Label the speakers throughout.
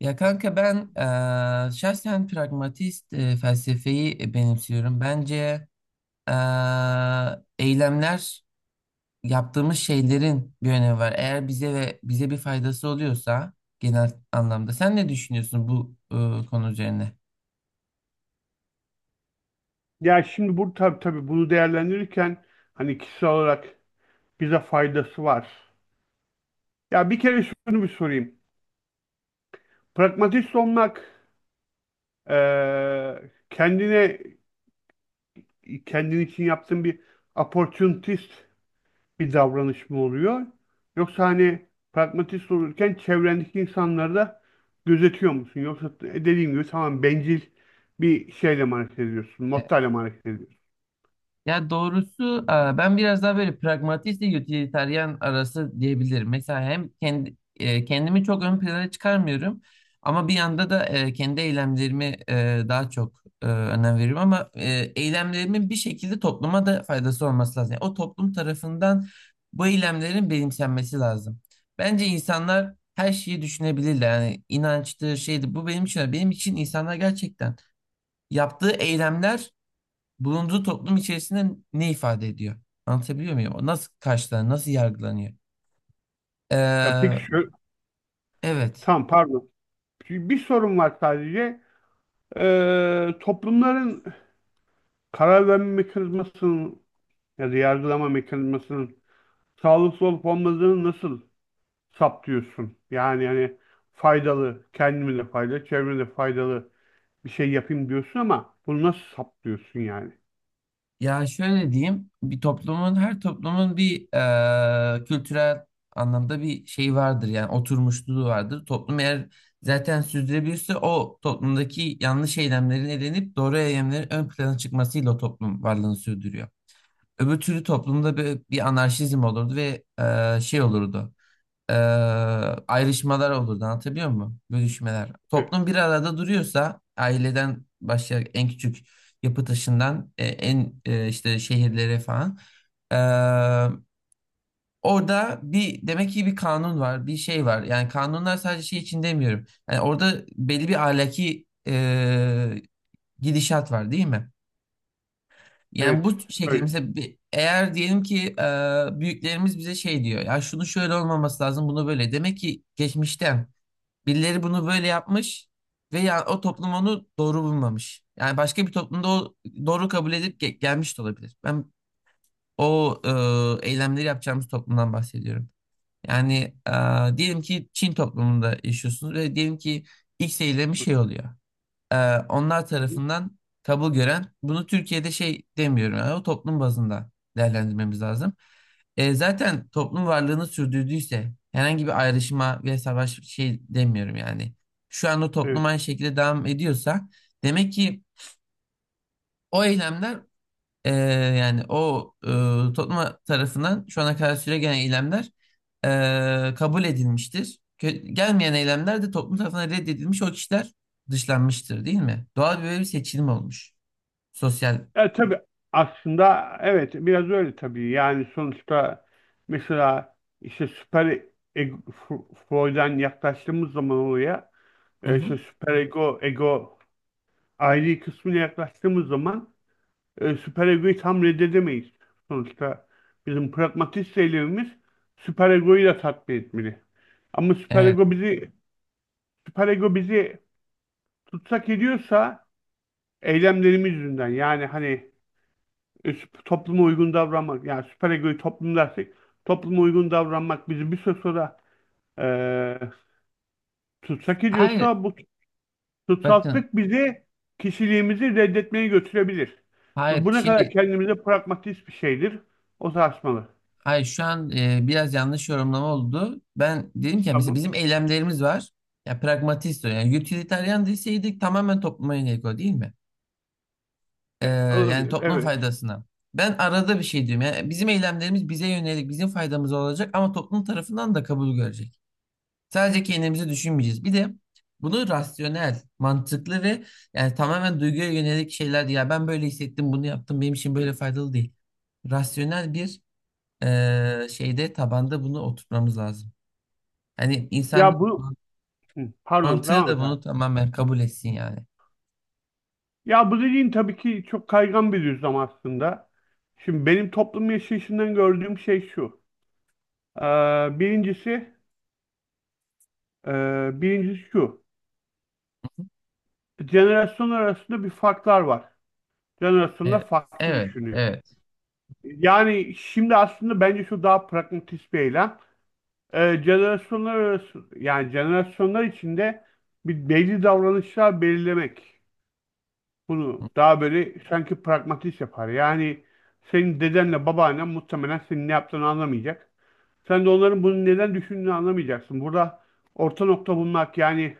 Speaker 1: Ya kanka ben şahsen pragmatist felsefeyi benimsiyorum. Bence eee, eylemler yaptığımız şeylerin bir önemi var. Eğer bize bir faydası oluyorsa genel anlamda. Sen ne düşünüyorsun bu konu üzerine?
Speaker 2: Ya şimdi bu tabii bunu değerlendirirken hani kişisel olarak bize faydası var. Ya bir kere şunu bir sorayım. Pragmatist olmak kendine kendin için yaptığın bir opportunist bir davranış mı oluyor? Yoksa hani pragmatist olurken çevrendeki insanları da gözetiyor musun? Yoksa dediğim gibi tamam bencil bir şeyle mi hareket ediyorsun? Mottoyla mı hareket ediyorsun?
Speaker 1: Ya doğrusu ben biraz daha böyle pragmatist ile utilitarian arası diyebilirim. Mesela hem kendimi çok ön plana çıkarmıyorum ama bir yanda da kendi eylemlerimi daha çok önem veriyorum ama eylemlerimin bir şekilde topluma da faydası olması lazım. Yani o toplum tarafından bu eylemlerin benimsenmesi lazım. Bence insanlar her şeyi düşünebilirler. Yani inançtır, şeydir. Bu benim için. Benim için insanlar gerçekten yaptığı eylemler bulunduğu toplum içerisinde ne ifade ediyor? Anlatabiliyor muyum? O nasıl karşılanıyor, nasıl yargılanıyor?
Speaker 2: Ya
Speaker 1: Ee,
Speaker 2: peki şu
Speaker 1: evet.
Speaker 2: tamam, pardon. Bir sorun var sadece. Toplumların karar verme mekanizmasının ya da yargılama mekanizmasının sağlıklı olup olmadığını nasıl saptıyorsun? Yani hani faydalı, kendime de faydalı, çevreme de faydalı bir şey yapayım diyorsun ama bunu nasıl saptıyorsun yani?
Speaker 1: Ya şöyle diyeyim, bir toplumun, her toplumun bir kültürel anlamda bir şey vardır yani oturmuşluğu vardır. Toplum eğer zaten sürdürebilirse o toplumdaki yanlış eylemlerin elenip doğru eylemlerin ön plana çıkmasıyla o toplum varlığını sürdürüyor. Öbür türlü toplumda bir anarşizm olurdu ve şey olurdu. e, ayrışmalar olurdu. Anlatabiliyor muyum? Bölüşmeler.
Speaker 2: E,
Speaker 1: Toplum bir arada duruyorsa aileden başlayarak en küçük yapı taşından en işte şehirlere falan. E, orada bir demek ki bir kanun var, bir şey var. Yani kanunlar sadece şey için demiyorum. Yani orada belli bir ahlaki gidişat var değil mi? Yani
Speaker 2: evet,
Speaker 1: bu şekilde
Speaker 2: öyle.
Speaker 1: mesela eğer diyelim ki büyüklerimiz bize şey diyor ya şunu şöyle olmaması lazım bunu böyle demek ki geçmişten birileri bunu böyle yapmış ve ya, o toplum onu doğru bulmamış. Yani başka bir toplumda o doğru kabul edip gelmiş de olabilir. Ben o eylemleri yapacağımız toplumdan bahsediyorum. Yani diyelim ki Çin toplumunda yaşıyorsunuz ve diyelim ki X eylemi şey oluyor e, onlar
Speaker 2: Hı hı,
Speaker 1: tarafından kabul gören bunu Türkiye'de şey demiyorum yani o toplum bazında değerlendirmemiz lazım. Zaten toplum varlığını sürdürdüyse herhangi bir ayrışma ve savaş şey demiyorum yani. Şu an o toplum
Speaker 2: evet.
Speaker 1: aynı şekilde devam ediyorsa demek ki o eylemler ee, yani o topluma tarafından şu ana kadar süre gelen eylemler kabul edilmiştir. Gelmeyen eylemler de toplum tarafından reddedilmiş o kişiler dışlanmıştır değil mi? Doğal böyle bir seçilim olmuş. Sosyal.
Speaker 2: E, tabii aslında evet biraz öyle tabii. Yani sonuçta mesela işte süper ego, F- Freud'dan yaklaştığımız zaman oraya,
Speaker 1: Hı
Speaker 2: e,
Speaker 1: hı.
Speaker 2: işte süper ego, ego ayrı kısmına yaklaştığımız zaman süper egoyu tam reddedemeyiz. Sonuçta bizim pragmatist eylemimiz süper egoyu da tatmin etmeli. Ama süper
Speaker 1: Evet.
Speaker 2: ego bizi süper ego bizi tutsak ediyorsa eylemlerimiz yüzünden, yani hani topluma uygun davranmak, yani süper egoyu toplum dersek topluma uygun davranmak bizi bir süre sonra, e, tutsak
Speaker 1: Hayır.
Speaker 2: ediyorsa bu
Speaker 1: Bakın.
Speaker 2: tutsaklık bizi kişiliğimizi reddetmeye götürebilir. Ve
Speaker 1: Hayır.
Speaker 2: bu ne kadar
Speaker 1: Şimdi
Speaker 2: kendimize pragmatist bir şeydir o tartışmalı.
Speaker 1: hayır şu an biraz yanlış yorumlama oldu. Ben dedim ki mesela
Speaker 2: Tamam.
Speaker 1: bizim eylemlerimiz var. Ya pragmatist o. Yani utilitarian deseydik tamamen topluma yönelik o değil mi? Ee,
Speaker 2: E,
Speaker 1: yani
Speaker 2: olabilir.
Speaker 1: toplum
Speaker 2: Evet.
Speaker 1: faydasına. Ben arada bir şey diyorum. Yani bizim eylemlerimiz bize yönelik, bizim faydamız olacak ama toplum tarafından da kabul görecek. Sadece kendimizi düşünmeyeceğiz. Bir de bunu rasyonel, mantıklı ve yani tamamen duyguya yönelik şeyler değil. Ya ben böyle hissettim, bunu yaptım, benim için böyle faydalı değil. Rasyonel bir şeyde tabanda bunu oturtmamız lazım. Hani
Speaker 2: Ya
Speaker 1: insan
Speaker 2: bu Hı, pardon
Speaker 1: mantığı
Speaker 2: devam
Speaker 1: da
Speaker 2: et abi.
Speaker 1: bunu tamamen kabul etsin yani.
Speaker 2: Ya bu dediğin tabii ki çok kaygan bir düzlem aslında. Şimdi benim toplum yaşayışından gördüğüm şey şu. Ee, birincisi, Birincisi şu. Jenerasyon arasında bir farklar var.
Speaker 1: Evet,
Speaker 2: Jenerasyonlar farklı
Speaker 1: evet,
Speaker 2: düşünüyor.
Speaker 1: evet.
Speaker 2: Yani şimdi aslında bence şu daha pragmatist bir eylem. Jenerasyonlar arası, yani jenerasyonlar içinde bir belli davranışlar belirlemek. Bunu daha böyle sanki pragmatist yapar. Yani senin dedenle babaannen muhtemelen senin ne yaptığını anlamayacak. Sen de onların bunu neden düşündüğünü anlamayacaksın. Burada orta nokta bulmak, yani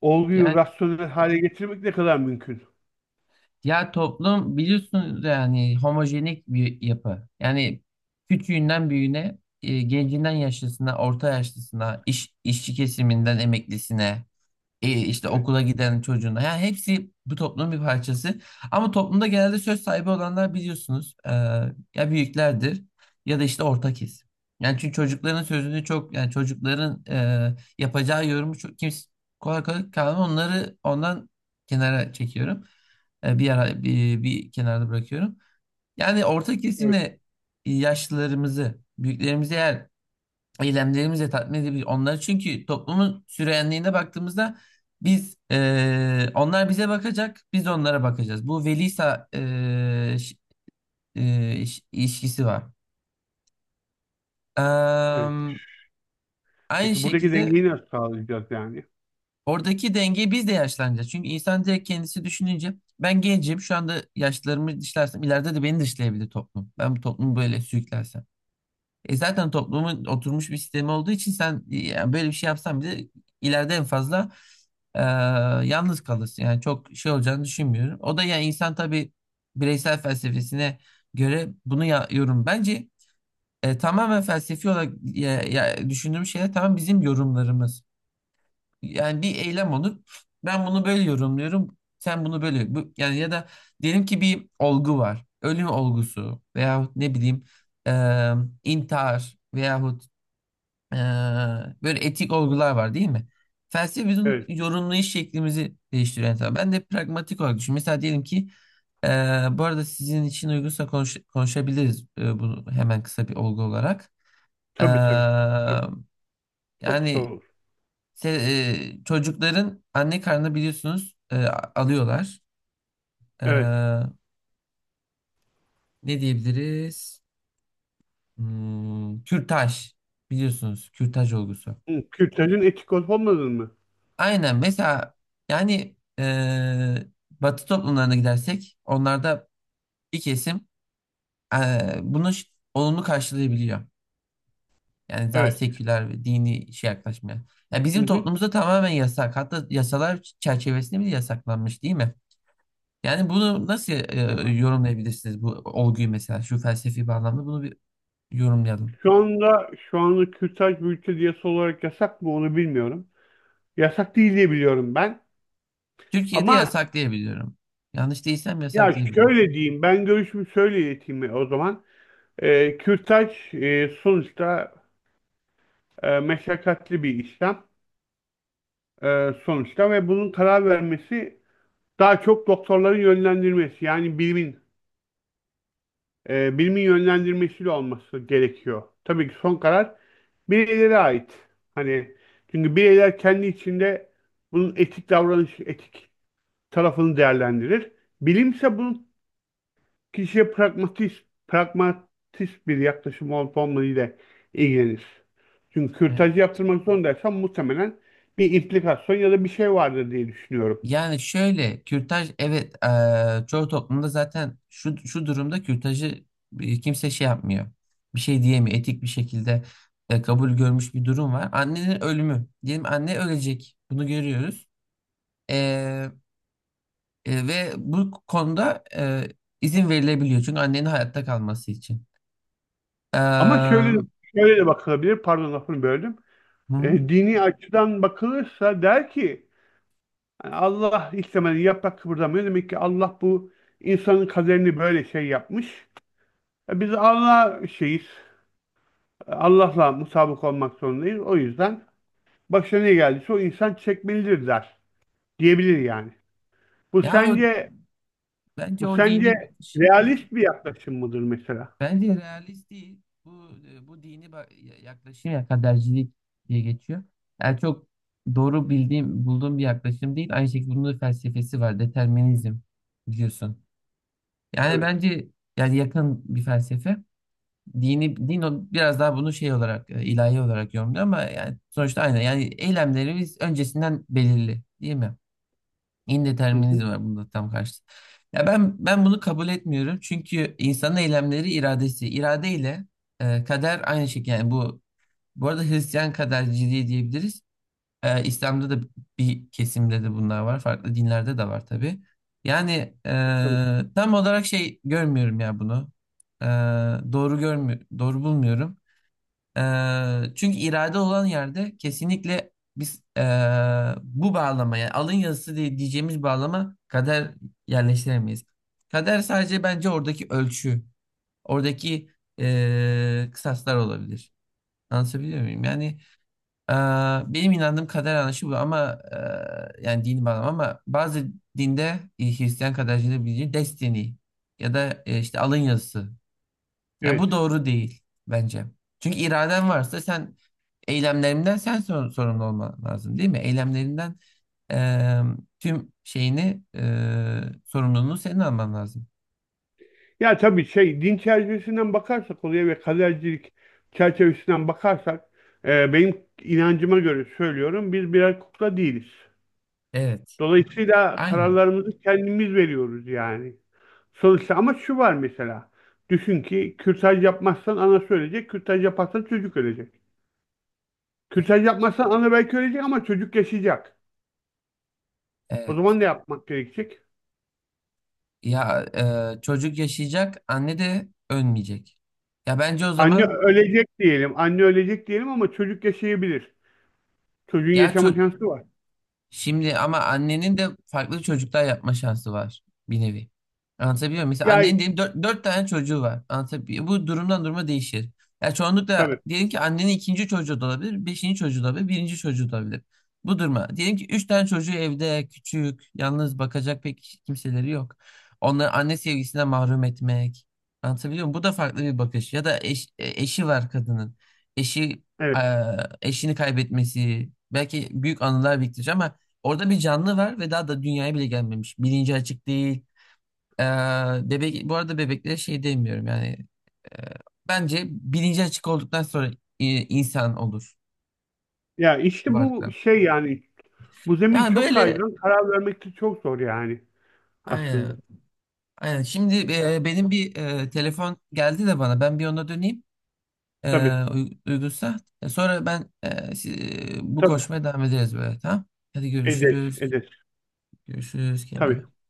Speaker 2: olguyu
Speaker 1: Yani
Speaker 2: rasyonel hale getirmek ne kadar mümkün?
Speaker 1: Ya toplum biliyorsunuz yani homojenik bir yapı. Yani küçüğünden büyüğüne, gencinden yaşlısına, orta yaşlısına, işçi kesiminden emeklisine işte
Speaker 2: Evet.
Speaker 1: okula giden çocuğuna. Yani hepsi bu toplumun bir parçası. Ama toplumda genelde söz sahibi olanlar biliyorsunuz ya büyüklerdir ya da işte orta kesim. Yani çünkü çocukların sözünü çok yani çocukların yapacağı yorumu çok kimse kolay kolay kalmıyor. Onları ondan kenara çekiyorum. Bir ara bir kenarda bırakıyorum. Yani orta
Speaker 2: Evet.
Speaker 1: kesimle yaşlılarımızı, büyüklerimizi eğer eylemlerimizle tatmin edebilir onları. Çünkü toplumun süreyenliğine baktığımızda biz onlar bize bakacak, biz onlara bakacağız. Bu velisa ilişkisi var.
Speaker 2: Evet.
Speaker 1: Eee, aynı
Speaker 2: Peki buradaki
Speaker 1: şekilde
Speaker 2: dengeyi nasıl sağlayacağız yani?
Speaker 1: oradaki dengeyi biz de yaşlanacağız. Çünkü insan direkt kendisi düşününce ben gencim şu anda yaşlarımı dışlarsam ileride de beni dışlayabilir toplum. Ben bu toplumu böyle sürüklersem. Zaten toplumun oturmuş bir sistemi olduğu için sen yani böyle bir şey yapsan bile ileride en fazla Ee, yalnız kalırsın. Yani çok şey olacağını düşünmüyorum. O da yani insan tabii bireysel felsefesine göre bunu yorum. Bence tamamen felsefi olarak ya, düşündüğüm şeyler tamam bizim yorumlarımız. Yani bir eylem olur. Ben bunu böyle yorumluyorum. Sen bunu böyle. Bu, yani ya da diyelim ki bir olgu var. Ölüm olgusu veyahut ne bileyim e, intihar veyahut ee, böyle etik olgular var değil mi? Felsefe bizim
Speaker 2: Evet.
Speaker 1: yorumlayış şeklimizi değiştiriyor. Yani ben de pragmatik olarak düşünüyorum. Mesela diyelim ki e, bu arada sizin için uygunsa konuşabiliriz bunu hemen kısa bir olgu olarak. Ee,
Speaker 2: Tabii. Tabii. Çok zor
Speaker 1: yani
Speaker 2: olur.
Speaker 1: se- çocukların anne karnına biliyorsunuz alıyorlar. Ee,
Speaker 2: Evet.
Speaker 1: ne diyebiliriz? Kürtaj biliyorsunuz kürtaj olgusu.
Speaker 2: Hı, kürtajın etik olup olmadığını mı?
Speaker 1: Aynen mesela yani Batı toplumlarına gidersek onlarda bir kesim bunu olumlu karşılayabiliyor. Yani daha
Speaker 2: Evet.
Speaker 1: seküler ve dini şey yaklaşmaya. Yani
Speaker 2: Hı
Speaker 1: bizim
Speaker 2: hı.
Speaker 1: toplumumuzda tamamen yasak. Hatta yasalar çerçevesinde bile yasaklanmış değil mi? Yani bunu nasıl yorumlayabilirsiniz bu olguyu mesela şu felsefi bağlamda bunu bir yorumlayalım.
Speaker 2: Şu anda kürtaj bu ülkede yasa olarak yasak mı onu bilmiyorum. Yasak değil diye biliyorum ben.
Speaker 1: Türkiye'de
Speaker 2: Ama
Speaker 1: yasak diyebiliyorum. Yanlış değilsem yasak
Speaker 2: ya
Speaker 1: diyebiliyorum.
Speaker 2: şöyle diyeyim, ben görüşümü şöyle ileteyim o zaman. Kürtaj, e, sonuçta, e, meşakkatli bir işlem, e, sonuçta, ve bunun karar vermesi daha çok doktorların yönlendirmesi, yani bilimin, bilimin yönlendirmesiyle olması gerekiyor. Tabii ki son karar bireylere ait. Hani çünkü bireyler kendi içinde bunun etik davranış, etik tarafını değerlendirir. Bilimse bunun kişiye pragmatist bir yaklaşım olup olmadığıyla ilgilenir. Çünkü kürtajı yaptırmak zorundaysam muhtemelen bir implikasyon ya da bir şey vardır diye düşünüyorum.
Speaker 1: Yani şöyle kürtaj evet çoğu toplumda zaten şu durumda kürtajı kimse şey yapmıyor. Bir şey diyemiyor. Etik bir şekilde kabul görmüş bir durum var. Annenin ölümü. Diyelim anne ölecek. Bunu görüyoruz. Eee, ve bu konuda izin verilebiliyor. Çünkü annenin hayatta kalması için.
Speaker 2: Ama
Speaker 1: Eee,
Speaker 2: şöyle de, Şöyle de bakılabilir, pardon lafını böldüm.
Speaker 1: hı.
Speaker 2: E, dini açıdan bakılırsa der ki, yani Allah istemeden yaprak kıpırdamıyor. Demek ki Allah bu insanın kaderini böyle şey yapmış. E, biz Allah'a şeyiz. E, Allah'la mutabık olmak zorundayız. O yüzden başına ne geldiyse o insan çekmelidir, der. Diyebilir yani. Bu
Speaker 1: Ya o
Speaker 2: sence
Speaker 1: bence
Speaker 2: bu
Speaker 1: o dini
Speaker 2: sence
Speaker 1: bakış.
Speaker 2: realist bir yaklaşım mıdır mesela?
Speaker 1: Bence realist değil. Bu dini yaklaşım ya kadercilik diye geçiyor. Yani çok doğru bildiğim, bulduğum bir yaklaşım değil. Aynı şekilde bunun da felsefesi var. Determinizm biliyorsun. Yani
Speaker 2: Evet.
Speaker 1: bence yani yakın bir felsefe. Dini biraz daha bunu şey olarak ilahi olarak yorumluyor ama yani sonuçta aynı. Yani eylemlerimiz öncesinden belirli, değil mi?
Speaker 2: Hı hı.
Speaker 1: İndeterminizm var bunda tam karşı. Ya ben bunu kabul etmiyorum. Çünkü insanın eylemleri iradesi. İradeyle kader aynı şekilde. Yani bu arada Hristiyan kaderciliği diyebiliriz. İslam'da da bir kesimde de bunlar var. Farklı dinlerde de var tabii. Yani
Speaker 2: E, tabii.
Speaker 1: tam olarak şey görmüyorum ya bunu. E, doğru bulmuyorum. Çünkü irade olan yerde kesinlikle biz bu bağlama yani alın yazısı diye diyeceğimiz bağlama kader yerleştiremeyiz. Kader sadece bence oradaki ölçü, oradaki kısaslar olabilir. Anlatabiliyor muyum? Yani eee, benim inandığım kader anlayışı bu ama yani dini bağlam ama bazı dinde Hristiyan kadercilerin bildiği destiny ya da işte alın yazısı ya
Speaker 2: Evet.
Speaker 1: bu doğru değil bence. Çünkü iraden varsa sen eylemlerinden sen sorumlu olman lazım değil mi? Eylemlerinden eee, tüm şeyini sorumluluğunu senin alman lazım.
Speaker 2: Ya tabii şey, din çerçevesinden bakarsak olaya ve kadercilik çerçevesinden bakarsak, e, benim inancıma göre söylüyorum, biz birer kukla değiliz.
Speaker 1: Evet.
Speaker 2: Dolayısıyla
Speaker 1: Aynen.
Speaker 2: kararlarımızı kendimiz veriyoruz yani. Sonuçta ama şu var mesela. Düşün ki kürtaj yapmazsan ana söyleyecek, kürtaj yaparsan çocuk ölecek. Kürtaj
Speaker 1: Evet.
Speaker 2: yapmazsan ana belki ölecek ama çocuk yaşayacak. O
Speaker 1: Evet.
Speaker 2: zaman ne yapmak gerekecek?
Speaker 1: Ya çocuk yaşayacak, anne de ölmeyecek. Ya bence o
Speaker 2: Anne
Speaker 1: zaman.
Speaker 2: ölecek diyelim, anne ölecek diyelim ama çocuk yaşayabilir. Çocuğun
Speaker 1: ya
Speaker 2: yaşama
Speaker 1: ço-
Speaker 2: şansı var.
Speaker 1: Şimdi ama annenin de farklı çocuklar yapma şansı var bir nevi. Anlatabiliyor muyum? Mesela
Speaker 2: Ya
Speaker 1: annenin diyelim dört tane çocuğu var. Anlatabiliyor muyum? Bu durumdan duruma değişir. Ya çoğunlukla
Speaker 2: tabii,
Speaker 1: diyelim ki annenin ikinci çocuğu da olabilir, beşinci çocuğu da olabilir, birinci çocuğu da olabilir. Bu duruma. Diyelim ki üç tane çocuğu evde, küçük, yalnız bakacak pek kimseleri yok. Onları anne sevgisinden mahrum etmek. Anlatabiliyor muyum? Bu da farklı bir bakış. Ya da eşi var kadının. Eşi, e,
Speaker 2: evet.
Speaker 1: eşini kaybetmesi. Belki büyük anılar biriktirecek ama orada bir canlı var ve daha da dünyaya bile gelmemiş. Bilinci açık değil. Ee, bebek, bu arada bebeklere şey demiyorum yani. e, bence bilinci açık olduktan sonra insan olur
Speaker 2: Ya işte bu
Speaker 1: varlıklar.
Speaker 2: şey yani, bu zemin
Speaker 1: Yani
Speaker 2: çok
Speaker 1: böyle
Speaker 2: kaygan, karar vermek de çok zor yani
Speaker 1: aynen,
Speaker 2: aslında.
Speaker 1: aynen. Şimdi benim bir telefon geldi de bana. Ben bir ona döneyim. E,
Speaker 2: Tabii,
Speaker 1: uygunsa. Sonra ben bu
Speaker 2: tabii.
Speaker 1: koşmaya devam ederiz böyle. Tamam. Hadi
Speaker 2: Edet,
Speaker 1: görüşürüz.
Speaker 2: edet.
Speaker 1: Görüşürüz. Kendine iyi
Speaker 2: Tabii.
Speaker 1: bak.